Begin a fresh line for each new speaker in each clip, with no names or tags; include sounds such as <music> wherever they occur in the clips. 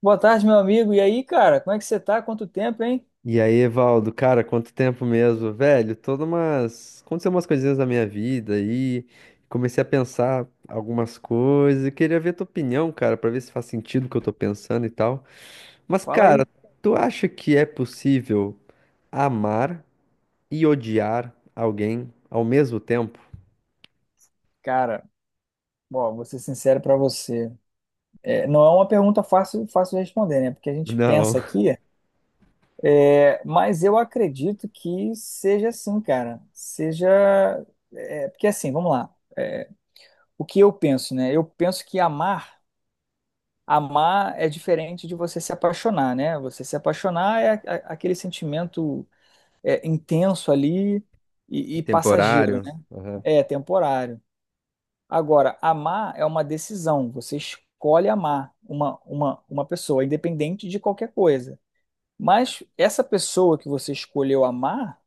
Boa tarde, meu amigo. E aí, cara, como é que você tá? Quanto tempo, hein?
E aí, Evaldo, cara, quanto tempo mesmo, velho? Todas umas. Aconteceu umas coisinhas na minha vida aí. Comecei a pensar algumas coisas e queria ver tua opinião, cara, pra ver se faz sentido o que eu tô pensando e tal. Mas,
Fala
cara,
aí.
tu acha que é possível amar e odiar alguém ao mesmo tempo?
Cara, bom, vou ser sincero pra você. Não é uma pergunta fácil, fácil de responder, né? Porque a gente
Não.
pensa aqui, mas eu acredito que seja assim, cara. Seja. Porque assim, vamos lá. O que eu penso, né? Eu penso que amar é diferente de você se apaixonar, né? Você se apaixonar é aquele sentimento intenso ali e
<laughs>
passageiro,
Temporário?
né?
Aham.
É temporário. Agora, amar é uma decisão. Você escolhe amar uma pessoa, independente de qualquer coisa. Mas essa pessoa que você escolheu amar,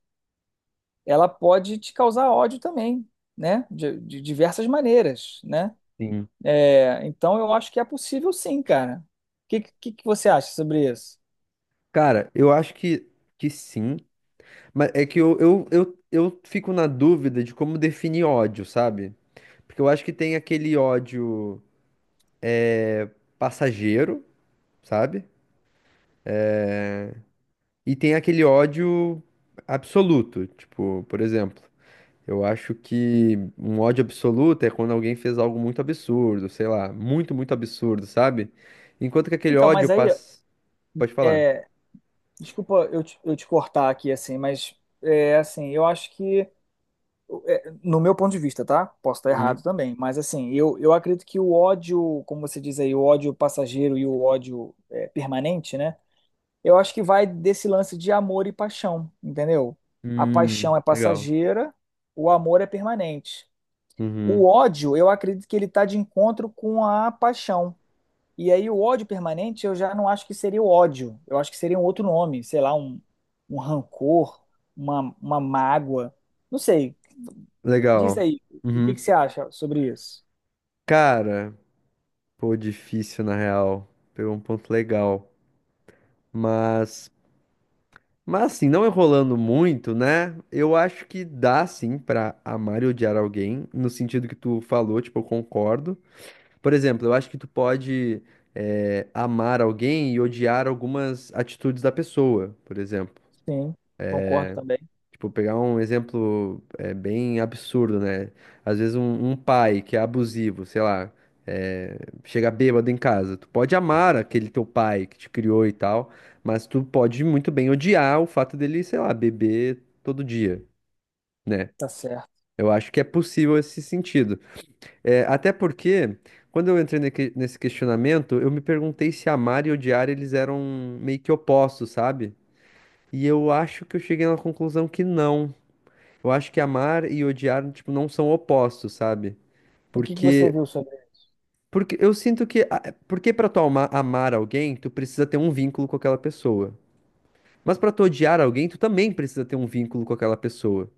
ela pode te causar ódio também, né? De diversas maneiras, né?
Sim.
É, então, eu acho que é possível sim, cara. O que você acha sobre isso?
Cara, eu acho que sim, mas é que eu fico na dúvida de como definir ódio, sabe? Porque eu acho que tem aquele ódio passageiro, sabe? E tem aquele ódio absoluto. Tipo, por exemplo, eu acho que um ódio absoluto é quando alguém fez algo muito absurdo, sei lá, muito, muito absurdo, sabe? Enquanto que aquele
Então,
ódio
mas aí,
passa. Pode falar.
é, desculpa eu te cortar aqui, assim, mas é, assim, eu acho que é, no meu ponto de vista, tá? Posso estar errado
Uhum.
também, mas assim, eu acredito que o ódio, como você diz aí, o ódio passageiro e o ódio permanente, né? Eu acho que vai desse lance de amor e paixão, entendeu? A paixão é
Legal.
passageira, o amor é permanente. O
Uhum.
ódio, eu acredito que ele está de encontro com a paixão. E aí o ódio permanente eu já não acho que seria o ódio, eu acho que seria um outro nome, sei lá, um rancor, uma mágoa, não sei. Diz
Legal.
aí, o que
Uhum.
você acha sobre isso?
Cara, pô, difícil na real. Pegou um ponto legal. Mas. Mas assim, não enrolando muito, né? Eu acho que dá sim pra amar e odiar alguém, no sentido que tu falou, tipo, eu concordo. Por exemplo, eu acho que tu pode amar alguém e odiar algumas atitudes da pessoa, por exemplo.
Sim, concordo também,
Tipo, pegar um exemplo bem absurdo, né? Às vezes um pai que é abusivo, sei lá, é, chega bêbado em casa. Tu pode amar aquele teu pai que te criou e tal, mas tu pode muito bem odiar o fato dele, sei lá, beber todo dia, né?
tá certo.
Eu acho que é possível esse sentido. É, até porque, quando eu entrei nesse questionamento, eu me perguntei se amar e odiar eles eram meio que opostos, sabe? E eu acho que eu cheguei na conclusão que não. Eu acho que amar e odiar, tipo, não são opostos, sabe?
O que você
Porque,
viu sobre
porque eu sinto que, porque pra tu amar alguém, tu precisa ter um vínculo com aquela pessoa. Mas pra tu odiar alguém, tu também precisa ter um vínculo com aquela pessoa.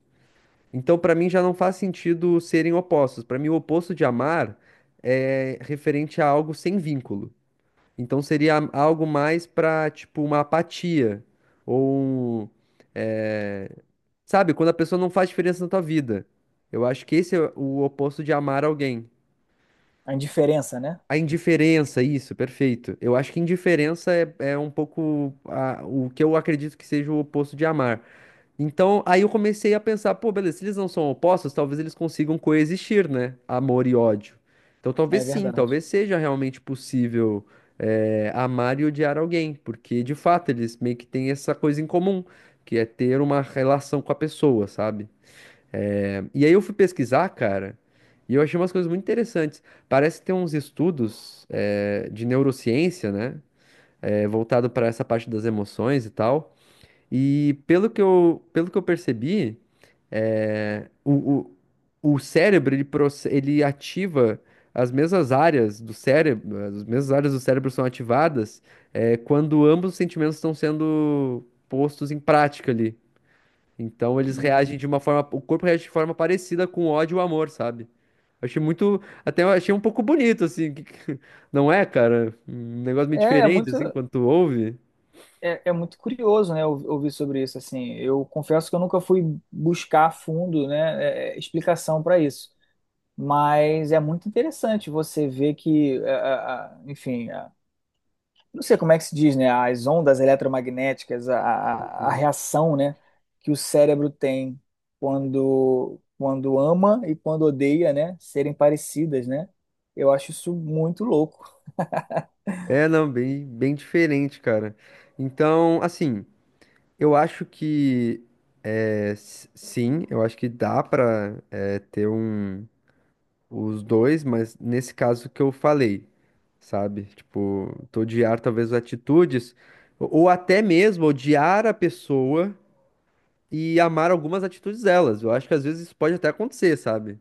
Então, pra mim já não faz sentido serem opostos. Pra mim, o oposto de amar é referente a algo sem vínculo. Então seria algo mais pra, tipo, uma apatia ou um, é, sabe, quando a pessoa não faz diferença na tua vida. Eu acho que esse é o oposto de amar alguém.
a indiferença, né?
A indiferença, isso, perfeito. Eu acho que indiferença é, é um pouco o que eu acredito que seja o oposto de amar. Então, aí eu comecei a pensar, pô, beleza, se eles não são opostos, talvez eles consigam coexistir, né? Amor e ódio. Então,
É
talvez sim,
verdade.
talvez seja realmente possível, amar e odiar alguém, porque de fato eles meio que têm essa coisa em comum, que é ter uma relação com a pessoa, sabe? E aí eu fui pesquisar, cara, e eu achei umas coisas muito interessantes. Parece que tem uns estudos de neurociência, né? Voltado para essa parte das emoções e tal. E pelo que eu percebi, é, o, o cérebro ele, ele ativa as mesmas áreas do cérebro, as mesmas áreas do cérebro são ativadas quando ambos os sentimentos estão sendo postos em prática ali. Então eles reagem
Hum.
de uma forma, o corpo reage de forma parecida com o ódio e o amor, sabe? Achei muito, até eu achei um pouco bonito, assim, não é, cara? Um negócio meio
É, é
diferente,
muito,
assim, quando tu ouve.
é, é muito curioso, né, ouvir sobre isso, assim. Eu confesso que eu nunca fui buscar a fundo, né, explicação para isso. Mas é muito interessante você ver que, enfim, é, não sei como é que se diz, né? As ondas eletromagnéticas, a reação, né, que o cérebro tem quando ama e quando odeia, né, serem parecidas, né? Eu acho isso muito louco.
É, não, bem, bem diferente, cara. Então, assim, eu acho que, sim, eu acho que dá pra, é, ter os dois, mas nesse caso que eu falei, sabe? Tipo, tu odiar talvez atitudes, ou até mesmo odiar a pessoa e amar algumas atitudes delas. Eu acho que às vezes isso pode até acontecer, sabe?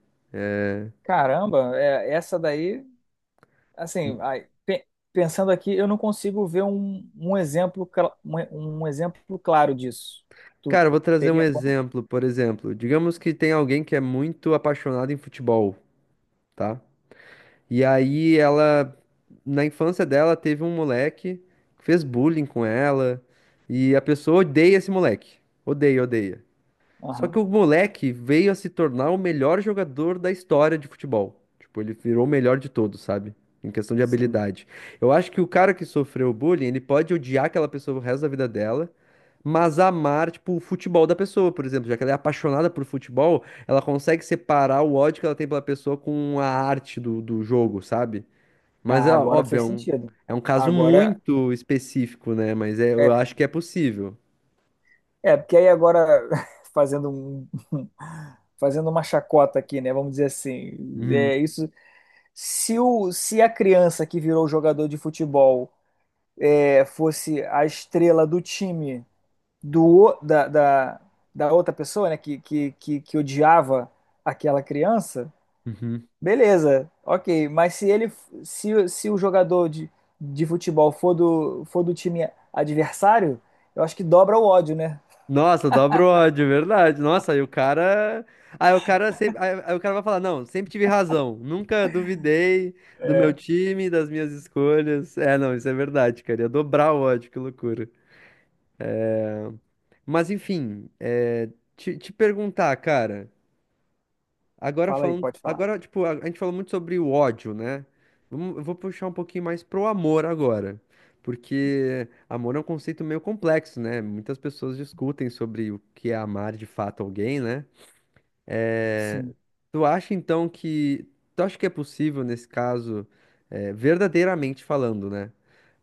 Caramba, é, essa daí assim, pensando aqui, eu não consigo ver um exemplo, um exemplo claro disso. Tu
Cara, eu vou trazer um
teria como?
exemplo, por exemplo. Digamos que tem alguém que é muito apaixonado em futebol, tá? E aí ela, na infância dela, teve um moleque que fez bullying com ela, e a pessoa odeia esse moleque. Odeia, odeia. Só
Aham,
que o moleque veio a se tornar o melhor jogador da história de futebol. Tipo, ele virou o melhor de todos, sabe? Em questão de
sim.
habilidade. Eu acho que o cara que sofreu bullying, ele pode odiar aquela pessoa o resto da vida dela, mas amar, tipo, o futebol da pessoa, por exemplo. Já que ela é apaixonada por futebol, ela consegue separar o ódio que ela tem pela pessoa com a arte do, do jogo, sabe? Mas,
Ah,
ó,
agora
óbvio,
fez sentido.
é um caso
Agora,
muito específico, né? Mas eu
é
acho que é possível.
Porque aí agora, <laughs> fazendo um, <laughs> fazendo uma chacota aqui, né? Vamos dizer assim,
Uhum,
é isso. Se a criança que virou jogador de futebol fosse a estrela do time do, o- da, da, da outra pessoa, né? Que odiava aquela criança,
uhum.
beleza, ok. Mas se ele, se o jogador de futebol for do time adversário, eu acho que dobra o ódio, né?
Nossa, dobra o ódio, é verdade. Nossa, aí o cara. Aí o cara sempre. Aí, aí o cara vai falar, não, sempre tive razão. Nunca duvidei do meu
É.
time, das minhas escolhas. É, não, isso é verdade, cara. Ia dobrar o ódio, que loucura. Mas enfim, te, te perguntar, cara. Agora
Fala aí,
falando.
pode falar.
Agora, tipo, a gente falou muito sobre o ódio, né? Vamos, eu vou puxar um pouquinho mais pro amor agora. Porque amor é um conceito meio complexo, né? Muitas pessoas discutem sobre o que é amar de fato alguém, né?
Sim.
Tu acha então que. Tu acha que é possível, nesse caso, verdadeiramente falando, né?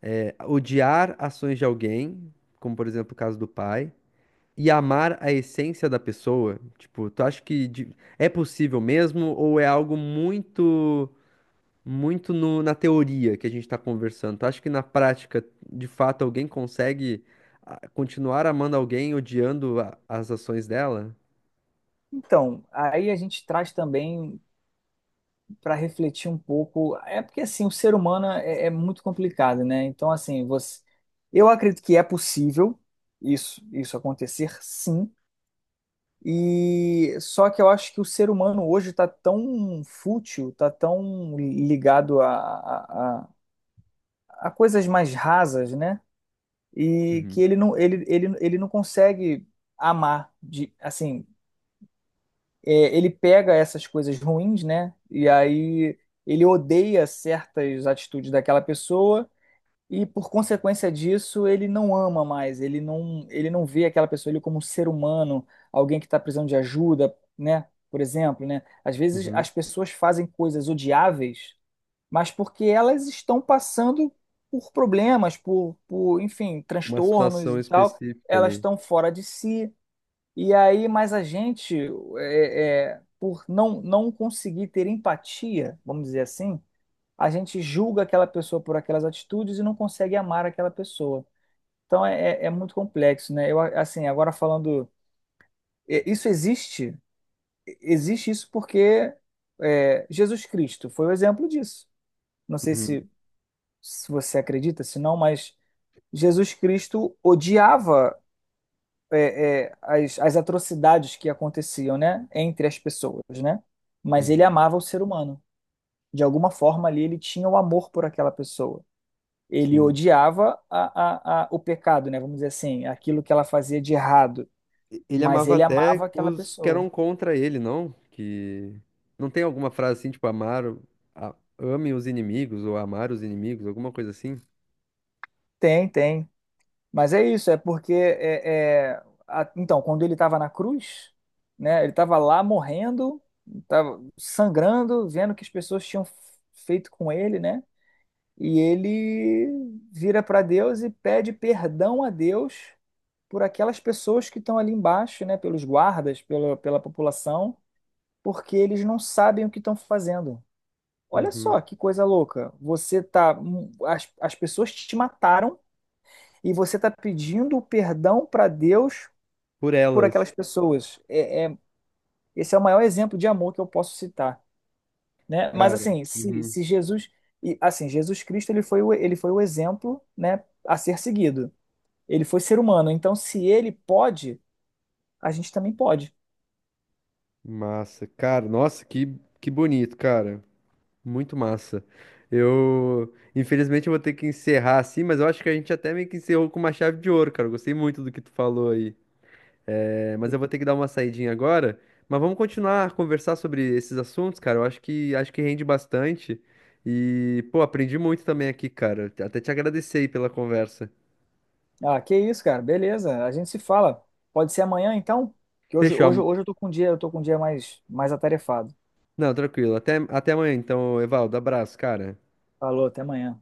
Odiar ações de alguém, como por exemplo o caso do pai, e amar a essência da pessoa? Tipo, tu acha que é possível mesmo ou é algo muito, na teoria que a gente tá conversando? Tu acha que na prática, de fato, alguém consegue continuar amando alguém odiando as ações dela?
Então, aí a gente traz também para refletir um pouco. É porque assim, o ser humano é muito complicado, né? Então, assim, você, eu acredito que é possível isso acontecer, sim. E só que eu acho que o ser humano hoje está tão fútil, está tão ligado a, a a coisas mais rasas, né? E que
Uhum.
ele não consegue amar de, assim ele pega essas coisas ruins, né? E aí ele odeia certas atitudes daquela pessoa e por consequência disso ele não ama mais, ele não vê aquela pessoa ali como um ser humano, alguém que está precisando de ajuda, né? Por exemplo, né? Às vezes
Uhum.
as pessoas fazem coisas odiáveis, mas porque elas estão passando por problemas, enfim,
Uma
transtornos
situação
e tal,
específica
elas
ali.
estão fora de si e aí, mas a gente, por não conseguir ter empatia, vamos dizer assim, a gente julga aquela pessoa por aquelas atitudes e não consegue amar aquela pessoa. Então é é muito complexo, né? Eu, assim, agora falando, é, isso existe? Existe isso porque é, Jesus Cristo foi o exemplo disso. Não sei
Uhum,
se, se você acredita, se não, mas Jesus Cristo odiava as atrocidades que aconteciam, né, entre as pessoas, né? Mas ele
uhum,
amava o ser humano. De alguma forma ali ele tinha o amor por aquela pessoa. Ele
sim.
odiava o pecado, né? Vamos dizer assim, aquilo que ela fazia de errado,
Ele
mas
amava
ele amava
até
aquela
os que
pessoa.
eram contra ele, não? Que não tem alguma frase assim, tipo, ame os inimigos ou amar os inimigos, alguma coisa assim?
Tem, tem. Mas é isso, é porque então quando ele estava na cruz, né? Ele estava lá morrendo, estava sangrando, vendo o que as pessoas tinham feito com ele, né? E ele vira para Deus e pede perdão a Deus por aquelas pessoas que estão ali embaixo, né, pelos guardas, pela população, porque eles não sabem o que estão fazendo. Olha
Uhum.
só que coisa louca. Você tá, as, as pessoas te mataram e você está pedindo o perdão para Deus
Por
por
elas,
aquelas pessoas. Esse é o maior exemplo de amor que eu posso citar, né? Mas
cara.
assim, se,
Uhum.
se Jesus, e, assim, Jesus Cristo ele foi o exemplo, né, a ser seguido. Ele foi ser humano, então se ele pode, a gente também pode.
Massa, cara. Nossa, que bonito, cara. Muito massa. Eu, infelizmente, eu vou ter que encerrar assim, mas eu acho que a gente até meio que encerrou com uma chave de ouro, cara. Eu gostei muito do que tu falou aí. É, mas eu vou ter que dar uma saidinha agora. Mas vamos continuar a conversar sobre esses assuntos, cara. Eu acho que rende bastante. E, pô, aprendi muito também aqui, cara. Até te agradecer aí pela conversa.
Ah, que isso, cara, beleza, a gente se fala. Pode ser amanhã, então? Que
Fechou.
hoje eu tô com um dia, eu tô com um dia mais, mais atarefado.
Não, tranquilo. Até, até amanhã, então, Evaldo. Abraço, cara.
Falou, até amanhã.